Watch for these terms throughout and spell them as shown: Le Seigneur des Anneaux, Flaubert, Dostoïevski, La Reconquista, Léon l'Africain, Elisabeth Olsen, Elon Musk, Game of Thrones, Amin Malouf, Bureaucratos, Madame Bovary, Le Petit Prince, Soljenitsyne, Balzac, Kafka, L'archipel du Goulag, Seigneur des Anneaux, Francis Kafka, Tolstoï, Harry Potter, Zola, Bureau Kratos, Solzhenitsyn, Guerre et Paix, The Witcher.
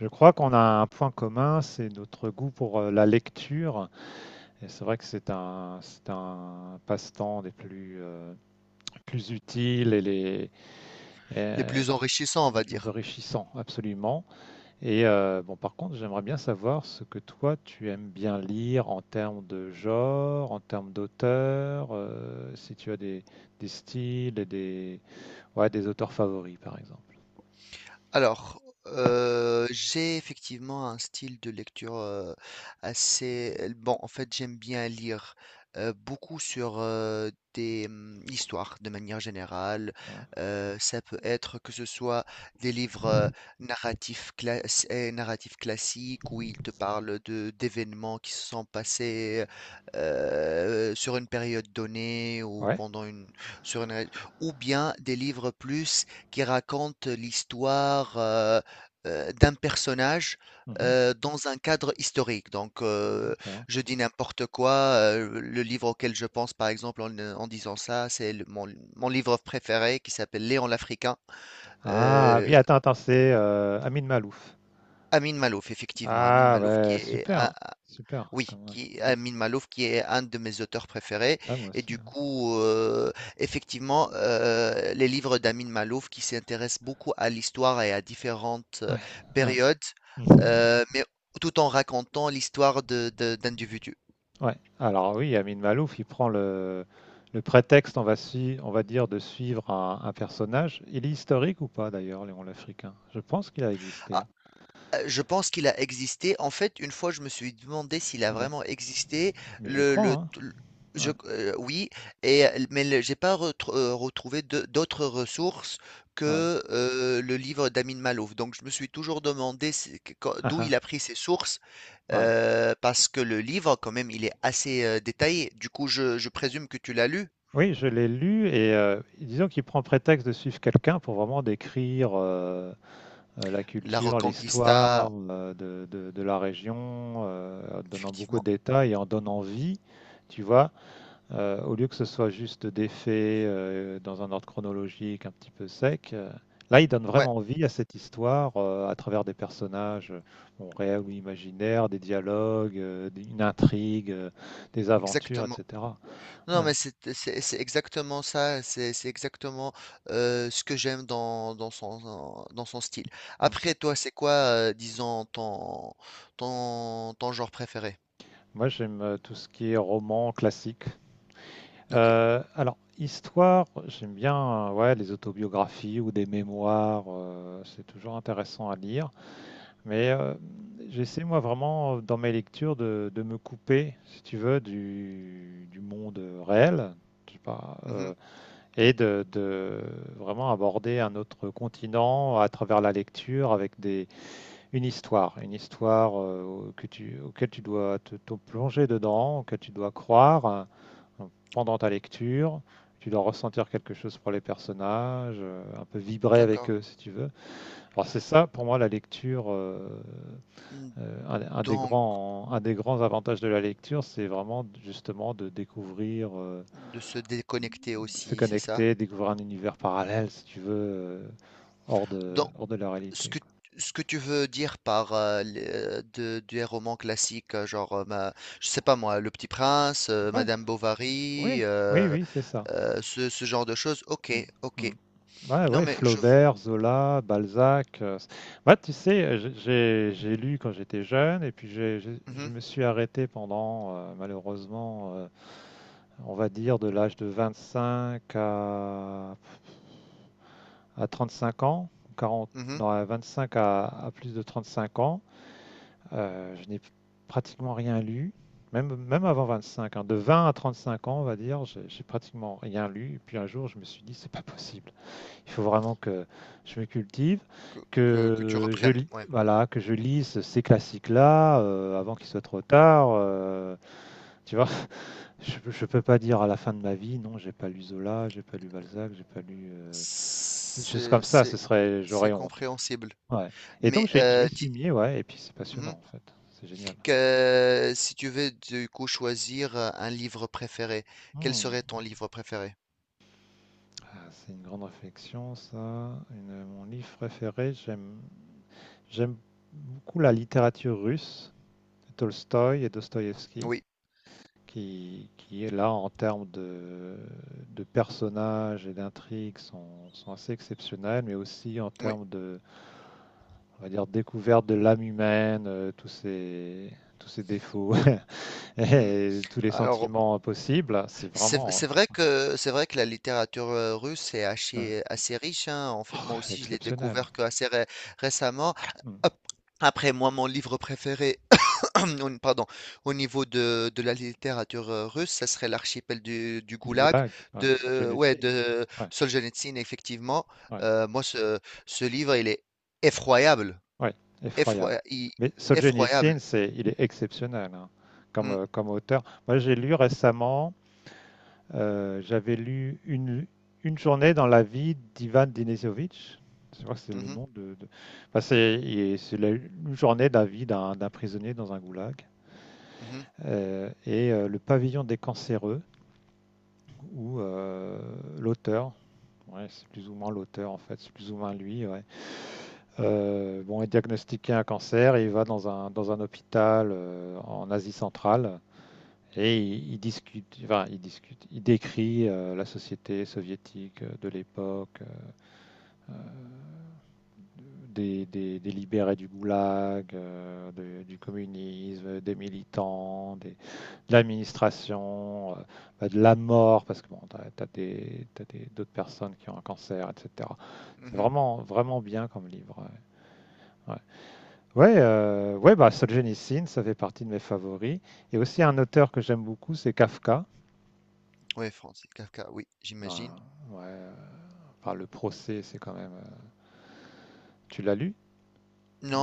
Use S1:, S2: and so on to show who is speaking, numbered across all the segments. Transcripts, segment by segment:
S1: Je crois qu'on a un point commun, c'est notre goût pour la lecture. Et c'est vrai que c'est un passe-temps des plus, plus utiles et
S2: Les
S1: euh,
S2: plus enrichissants, on
S1: les
S2: va
S1: plus
S2: dire.
S1: enrichissants, absolument. Et bon, par contre, j'aimerais bien savoir ce que toi, tu aimes bien lire en termes de genre, en termes d'auteur, si tu as des styles et ouais, des auteurs favoris, par exemple.
S2: Alors, j'ai effectivement un style de lecture assez. Bon, en fait, j'aime bien lire beaucoup sur des histoires de manière générale.
S1: Ouais.
S2: Ça peut être que ce soit des livres narratifs classiques où ils te parlent de d'événements qui se sont passés sur une période donnée ou
S1: Ouais.
S2: pendant sur une... ou bien des livres plus qui raconte l'histoire d'un personnage
S1: Mhm.
S2: dans un cadre historique. Donc,
S1: D'accord.
S2: je dis n'importe quoi. Le livre auquel je pense, par exemple, en disant ça, c'est mon livre préféré qui s'appelle Léon l'Africain.
S1: Ah
S2: Euh,
S1: oui, attends, attends, c'est Amin Malouf.
S2: Amin Malouf, effectivement, Amin
S1: Ah
S2: Malouf,
S1: ouais, super, super,
S2: oui,
S1: quand même. Mm.
S2: Amin Malouf, qui est un de mes auteurs préférés.
S1: Ah moi
S2: Et
S1: aussi.
S2: du coup, effectivement, les livres d'Amin Malouf qui s'intéressent beaucoup à l'histoire et à différentes
S1: Ouais, ouais, ouais.
S2: périodes,
S1: Mhm.
S2: mais tout en racontant l'histoire d'individus.
S1: Ouais. Alors oui, Amin Malouf, il prend le prétexte, on va dire, de suivre un personnage. Il est historique ou pas d'ailleurs, Léon l'Africain? Je pense qu'il a existé, hein.
S2: Je pense qu'il a existé. En fait, une fois, je me suis demandé s'il a
S1: Ouais.
S2: vraiment existé.
S1: Mais je
S2: Le
S1: crois, hein.
S2: t l je
S1: Ouais.
S2: q Oui, et l mais le j'ai pas retrouvé de d'autres ressources
S1: Ouais.
S2: que, le livre d'Amin Malouf. Donc je me suis toujours demandé c'est q quand
S1: Ah,
S2: d'où il
S1: ah.
S2: a pris ses sources,
S1: Ouais.
S2: parce que le livre, quand même, il est assez, détaillé. Du coup, je présume que tu l'as lu?
S1: Oui, je l'ai lu et disons qu'il prend prétexte de suivre quelqu'un pour vraiment décrire la
S2: La
S1: culture,
S2: Reconquista,
S1: l'histoire de, de la région, en donnant beaucoup de
S2: effectivement.
S1: détails et en donnant vie, tu vois, au lieu que ce soit juste des faits dans un ordre chronologique un petit peu sec. Là, il donne
S2: Ouais,
S1: vraiment vie à cette histoire à travers des personnages bon, réels ou imaginaires, des dialogues, une intrigue, des aventures,
S2: exactement.
S1: etc.
S2: Non,
S1: Ouais.
S2: mais c'est exactement ça, c'est exactement ce que j'aime dans son style.
S1: Mm.
S2: Après, toi, c'est quoi, disons, ton genre préféré?
S1: Moi, j'aime tout ce qui est roman classique,
S2: Ok.
S1: Alors, histoire, j'aime bien ouais, les autobiographies ou des mémoires, c'est toujours intéressant à lire. Mais j'essaie, moi, vraiment, dans mes lectures, de me couper, si tu veux, du monde réel, je sais pas,
S2: Mhm.
S1: et de vraiment aborder un autre continent à travers la lecture avec une histoire auquel tu dois te plonger dedans, que tu dois croire euh, pendant ta lecture. Tu dois ressentir quelque chose pour les personnages, un peu vibrer avec
S2: D'accord.
S1: eux si tu veux. Alors c'est ça pour moi la lecture,
S2: Mmh.
S1: un des
S2: Donc,
S1: grands, avantages de la lecture, c'est vraiment justement de découvrir,
S2: de se déconnecter
S1: de se
S2: aussi, c'est ça?
S1: connecter, découvrir un univers parallèle si tu veux, hors de la
S2: Ce
S1: réalité,
S2: que,
S1: quoi.
S2: Ce que tu veux dire par des romans classiques, genre, je sais pas moi, Le Petit Prince,
S1: Ouais,
S2: Madame
S1: oui,
S2: Bovary,
S1: oui, oui, c'est ça.
S2: ce genre de choses. Ok,
S1: Mmh, mmh.
S2: ok.
S1: Ouais,
S2: Non,
S1: ouais,
S2: mais je.
S1: Flaubert, Zola, Balzac. Moi, tu sais, j'ai lu quand j'étais jeune et puis je
S2: Mhm,
S1: me suis arrêté pendant, malheureusement, on va dire de l'âge de 25 à 35 ans, 40,
S2: mhm,
S1: non, à 25 à plus de 35 ans. Je n'ai pratiquement rien lu, même, même avant 25, hein, de 20 à 35 ans, on va dire, j'ai pratiquement rien lu. Et puis un jour, je me suis dit, c'est pas possible. Il faut vraiment que je me cultive,
S2: que, que tu
S1: que je
S2: reprennes.
S1: lis,
S2: Ouais.
S1: voilà, que je lise ces classiques-là avant qu'il soit trop tard, tu vois, je peux pas dire à la fin de ma vie, non, j'ai pas lu Zola, j'ai pas lu Balzac, j'ai pas lu des choses
S2: C'est,
S1: comme ça. Ce
S2: c'est,
S1: serait,
S2: c'est
S1: j'aurais honte.
S2: compréhensible.
S1: Ouais. Et donc
S2: Mais
S1: je m'y suis mis, ouais. Et puis c'est
S2: mhm,
S1: passionnant en fait. C'est génial.
S2: que, si tu veux du coup choisir un livre préféré, quel
S1: Hmm.
S2: serait ton livre préféré?
S1: Ah, c'est une grande réflexion, ça. Mon livre préféré, j'aime beaucoup la littérature russe, Tolstoï et Dostoïevski.
S2: Oui,
S1: Qui est là en termes de personnages et d'intrigues sont, sont assez exceptionnels, mais aussi en
S2: oui.
S1: termes de, on va dire, découverte de l'âme humaine, tous ces défauts
S2: Mm.
S1: et tous les
S2: Alors,
S1: sentiments possibles. C'est vraiment
S2: C'est vrai que la littérature, russe est
S1: euh,
S2: assez riche, hein. En fait, moi
S1: oh,
S2: aussi, je l'ai
S1: exceptionnel.
S2: découvert que assez ré récemment.
S1: Mm.
S2: Ap Après moi, mon livre préféré, au pardon, au niveau de la littérature, russe, ça serait l'archipel du
S1: Du
S2: Goulag
S1: Goulag, ouais,
S2: de ouais,
S1: Solzhenitsyn,
S2: de
S1: ouais,
S2: Soljenitsyne, effectivement.
S1: ouais,
S2: Moi, ce livre, il est effroyable,
S1: ouais, effroyable.
S2: effroya i
S1: Mais
S2: effroyable.
S1: Solzhenitsyn, il est exceptionnel, hein, comme,
S2: Mmh.
S1: euh, comme auteur. Moi, j'ai lu récemment j'avais lu Une journée dans la vie d'Ivan Denisovic. Je crois que c'est
S2: Mmh
S1: le
S2: mh.
S1: nom de. Enfin, c'est une journée de la vie d'un prisonnier dans un goulag.
S2: Mmh.
S1: Et le pavillon des cancéreux, où l'auteur, ouais, c'est plus ou moins l'auteur en fait, c'est plus ou moins lui, ouais, bon, est diagnostiqué un cancer et il va dans dans un hôpital en Asie centrale. Et il discute, enfin, il discute, il décrit la société soviétique de l'époque, euh, des libérés du goulag, du communisme, des militants, de l'administration, bah, de la mort, parce que bon, t'as, as des, t'as des- d'autres personnes qui ont un cancer, etc. C'est
S2: Mmh.
S1: vraiment, vraiment bien comme livre. Ouais, ouais. Ouais, ouais, bah Solzhenitsyn, ça fait partie de mes favoris. Et aussi un auteur que j'aime beaucoup, c'est Kafka.
S2: Oui, Francis Kafka, oui, j'imagine.
S1: Ah, ouais, enfin Le Procès, c'est quand même, tu l'as lu?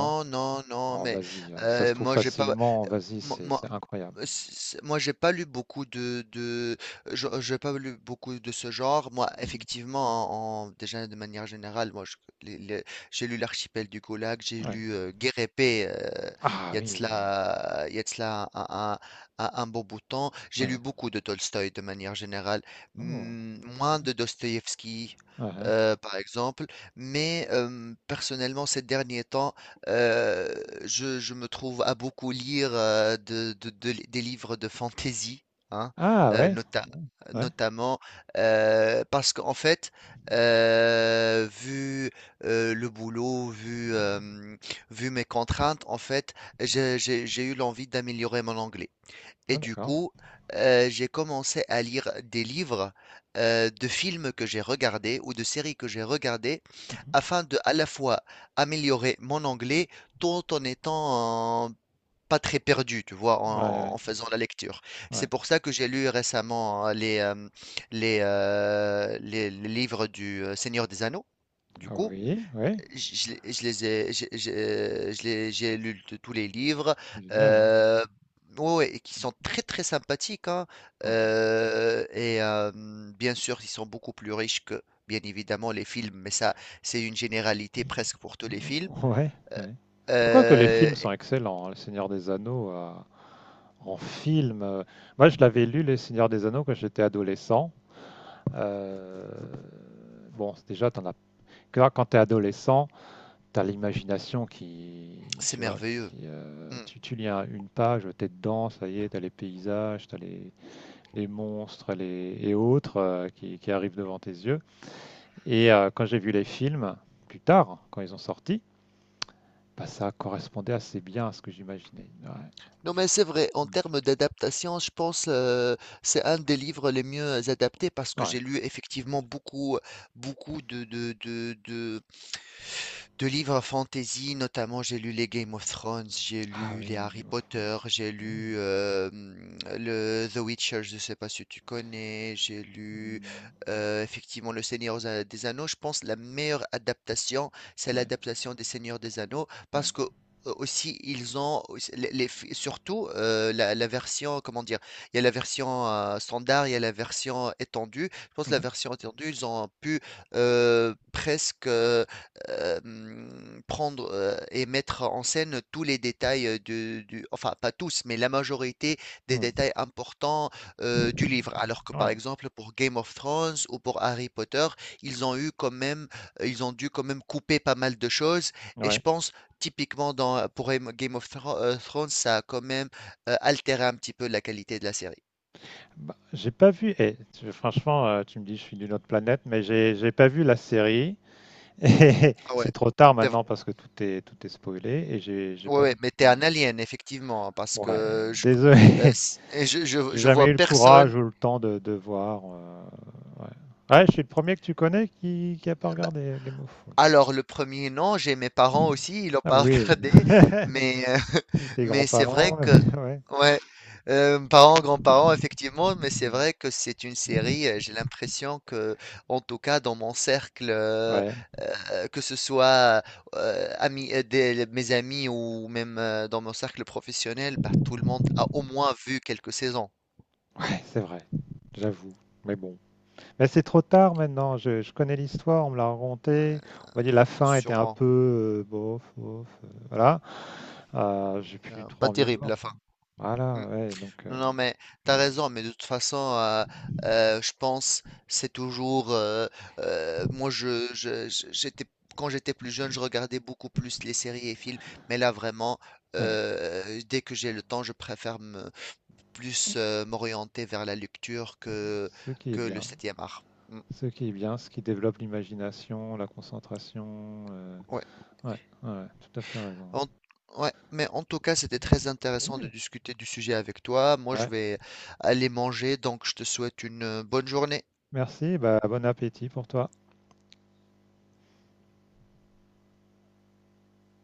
S1: Non?
S2: non, non,
S1: Oh
S2: mais
S1: vas-y, ça se trouve
S2: moi j'ai pas,
S1: facilement, vas-y,
S2: moi,
S1: c'est
S2: moi,
S1: c'est incroyable.
S2: c- moi, j'ai pas lu beaucoup j'ai pas lu beaucoup de ce genre. Moi,
S1: Mmh.
S2: effectivement, déjà de manière générale, moi, les- les- j'ai lu L'archipel du Goulag, j'ai
S1: Ouais.
S2: lu Guerre et Paix,
S1: Ah oui,
S2: il y a de cela un bon bout de temps. J'ai lu
S1: ouais.
S2: beaucoup de Tolstoï de manière générale,
S1: Oh!
S2: hmm, moins de Dostoïevski,
S1: Hein, hein.
S2: par exemple. Mais personnellement, ces derniers temps euh, je me trouve à beaucoup lire des livres de fantasy, hein,
S1: Ah
S2: euh,
S1: ouais?
S2: nota-
S1: Mmh. Ouais.
S2: notamment parce qu'en fait, vu le boulot, vu, vu mes contraintes, en fait, j'ai eu l'envie d'améliorer mon anglais.
S1: Ah
S2: Et du
S1: d'accord.
S2: coup, j'ai commencé à lire des livres de films que j'ai regardés ou de séries que j'ai regardées
S1: Mmh,
S2: afin de à la fois améliorer mon anglais tout en étant pas très perdu, tu vois,
S1: mh. Ouais, ouais,
S2: en faisant la lecture. C'est
S1: ouais.
S2: pour ça que j'ai lu récemment les livres du Seigneur des Anneaux, du
S1: Ah
S2: coup.
S1: oui, oui.
S2: Je les ai, j'ai- je les- J'ai lu
S1: C'est
S2: de tous les livres,
S1: c'est génial, hein.
S2: euh, ouais, ouais, et qui
S1: Mmh.
S2: sont très sympathiques, hein, euh, et euh, bien sûr, ils sont beaucoup plus riches que, bien évidemment, les films, mais ça, c'est une généralité presque pour tous les films.
S1: Oh ouais,
S2: Euh,
S1: ouais. Bah, quoique les
S2: euh,
S1: films sont excellents, hein, Le Seigneur des Anneaux, en film, moi je l'avais lu, Les Seigneurs des Anneaux, quand j'étais adolescent. Euh, bon, déjà, t'en as. Quand tu es adolescent, tu as l'imagination qui.
S2: c'est
S1: Tu vois,
S2: merveilleux.
S1: qui,
S2: Hmm.
S1: tu lis une page, tu es dedans, ça y est, tu as les paysages, tu as les monstres les, et autres qui arrivent devant tes yeux. Et quand j'ai vu les films, plus tard, quand ils ont sorti, bah, ça correspondait assez bien à ce que j'imaginais. Ouais.
S2: Non, mais c'est vrai, en
S1: Mm.
S2: termes d'adaptation, je pense c'est un des livres les mieux adaptés parce que
S1: Ouais.
S2: j'ai lu effectivement beaucoup, beaucoup de livres fantasy, notamment, j'ai lu les Game of Thrones, j'ai
S1: Ah
S2: lu les
S1: oui,
S2: Harry
S1: Game of
S2: Potter,
S1: Thrones.
S2: j'ai
S1: Oui.
S2: lu le The Witcher, je ne sais pas si tu connais, j'ai lu
S1: Mm.
S2: effectivement Le Seigneur des Anneaux. Je pense la meilleure adaptation, c'est
S1: Ouais.
S2: l'adaptation des Seigneurs des Anneaux,
S1: Ouais.
S2: parce que aussi surtout la version comment dire il y a la version standard il y a la version étendue je pense que la
S1: Mhm.
S2: version étendue ils ont pu presque prendre et mettre en scène tous les détails du, enfin pas tous, mais la majorité des détails importants du livre. Alors que
S1: Mm.
S2: par
S1: Ouais.
S2: exemple pour Game of Thrones ou pour Harry Potter, ils ont eu quand même, ils ont dû quand même couper pas mal de choses. Et je
S1: Ouais.
S2: pense typiquement pour Game of Thrones, ça a quand même altéré un petit peu la qualité de la série.
S1: Bah, j'ai pas vu. Franchement, tu me dis je suis d'une autre planète, mais j'ai pas vu la série. Et
S2: Ah
S1: c'est
S2: ouais.
S1: trop tard
S2: T'es v-
S1: maintenant parce que tout est spoilé et j'ai
S2: Ouais,
S1: pas
S2: ouais,
S1: non
S2: mais
S1: plus.
S2: t'es un alien, effectivement, hein, parce
S1: Ouais,
S2: que je,
S1: désolé.
S2: s- et
S1: J'ai
S2: je
S1: jamais eu
S2: vois
S1: le
S2: personne.
S1: courage ou le temps de voir. Ouais. Ouais, je suis le premier que tu connais qui a pas
S2: Bah,
S1: regardé Game of Thrones.
S2: alors le premier non, j'ai mes parents aussi, ils l'ont
S1: Ah
S2: pas
S1: oui.
S2: regardé, mais
S1: Et tes
S2: mais c'est vrai
S1: grands-parents.
S2: que
S1: Ouais.
S2: ouais, parents, grands-parents effectivement, mais c'est vrai que c'est une série, j'ai l'impression que en tout cas dans mon cercle
S1: Ouais.
S2: que ce soit amis mes amis ou même dans mon cercle professionnel, bah tout le monde a au moins vu quelques saisons,
S1: Ouais, c'est vrai. J'avoue. Mais bon. Là, c'est trop tard maintenant. Je connais l'histoire, on me l'a racontée. On va dire la fin était un
S2: sûrement.
S1: peu bof, bof. Voilà. J'ai plus trop
S2: Pas
S1: envie de
S2: terrible
S1: voir,
S2: la
S1: quoi.
S2: fin. Mm.
S1: Voilà, ouais. Donc,
S2: Non,
S1: bon,
S2: non, mais
S1: plus
S2: t'as
S1: envie de
S2: raison, mais de toute façon, je pense c'est toujours. Moi, j'étais quand j'étais plus jeune, je regardais beaucoup plus les séries et films, mais là vraiment,
S1: voir. Ouais.
S2: dès que j'ai le temps, je préfère me, plus m'orienter vers la lecture
S1: Ce qui est
S2: que le
S1: bien,
S2: septième art. Mm,
S1: ce qui est bien, ce qui développe l'imagination, la concentration.
S2: ouais.
S1: Ouais, ouais, ouais, tout à fait raison.
S2: En- ouais, mais en tout cas, c'était très intéressant de
S1: Ouais.
S2: discuter du sujet avec toi. Moi, je
S1: Ouais.
S2: vais aller manger, donc je te souhaite une bonne journée.
S1: Merci. Bah, bon appétit pour toi.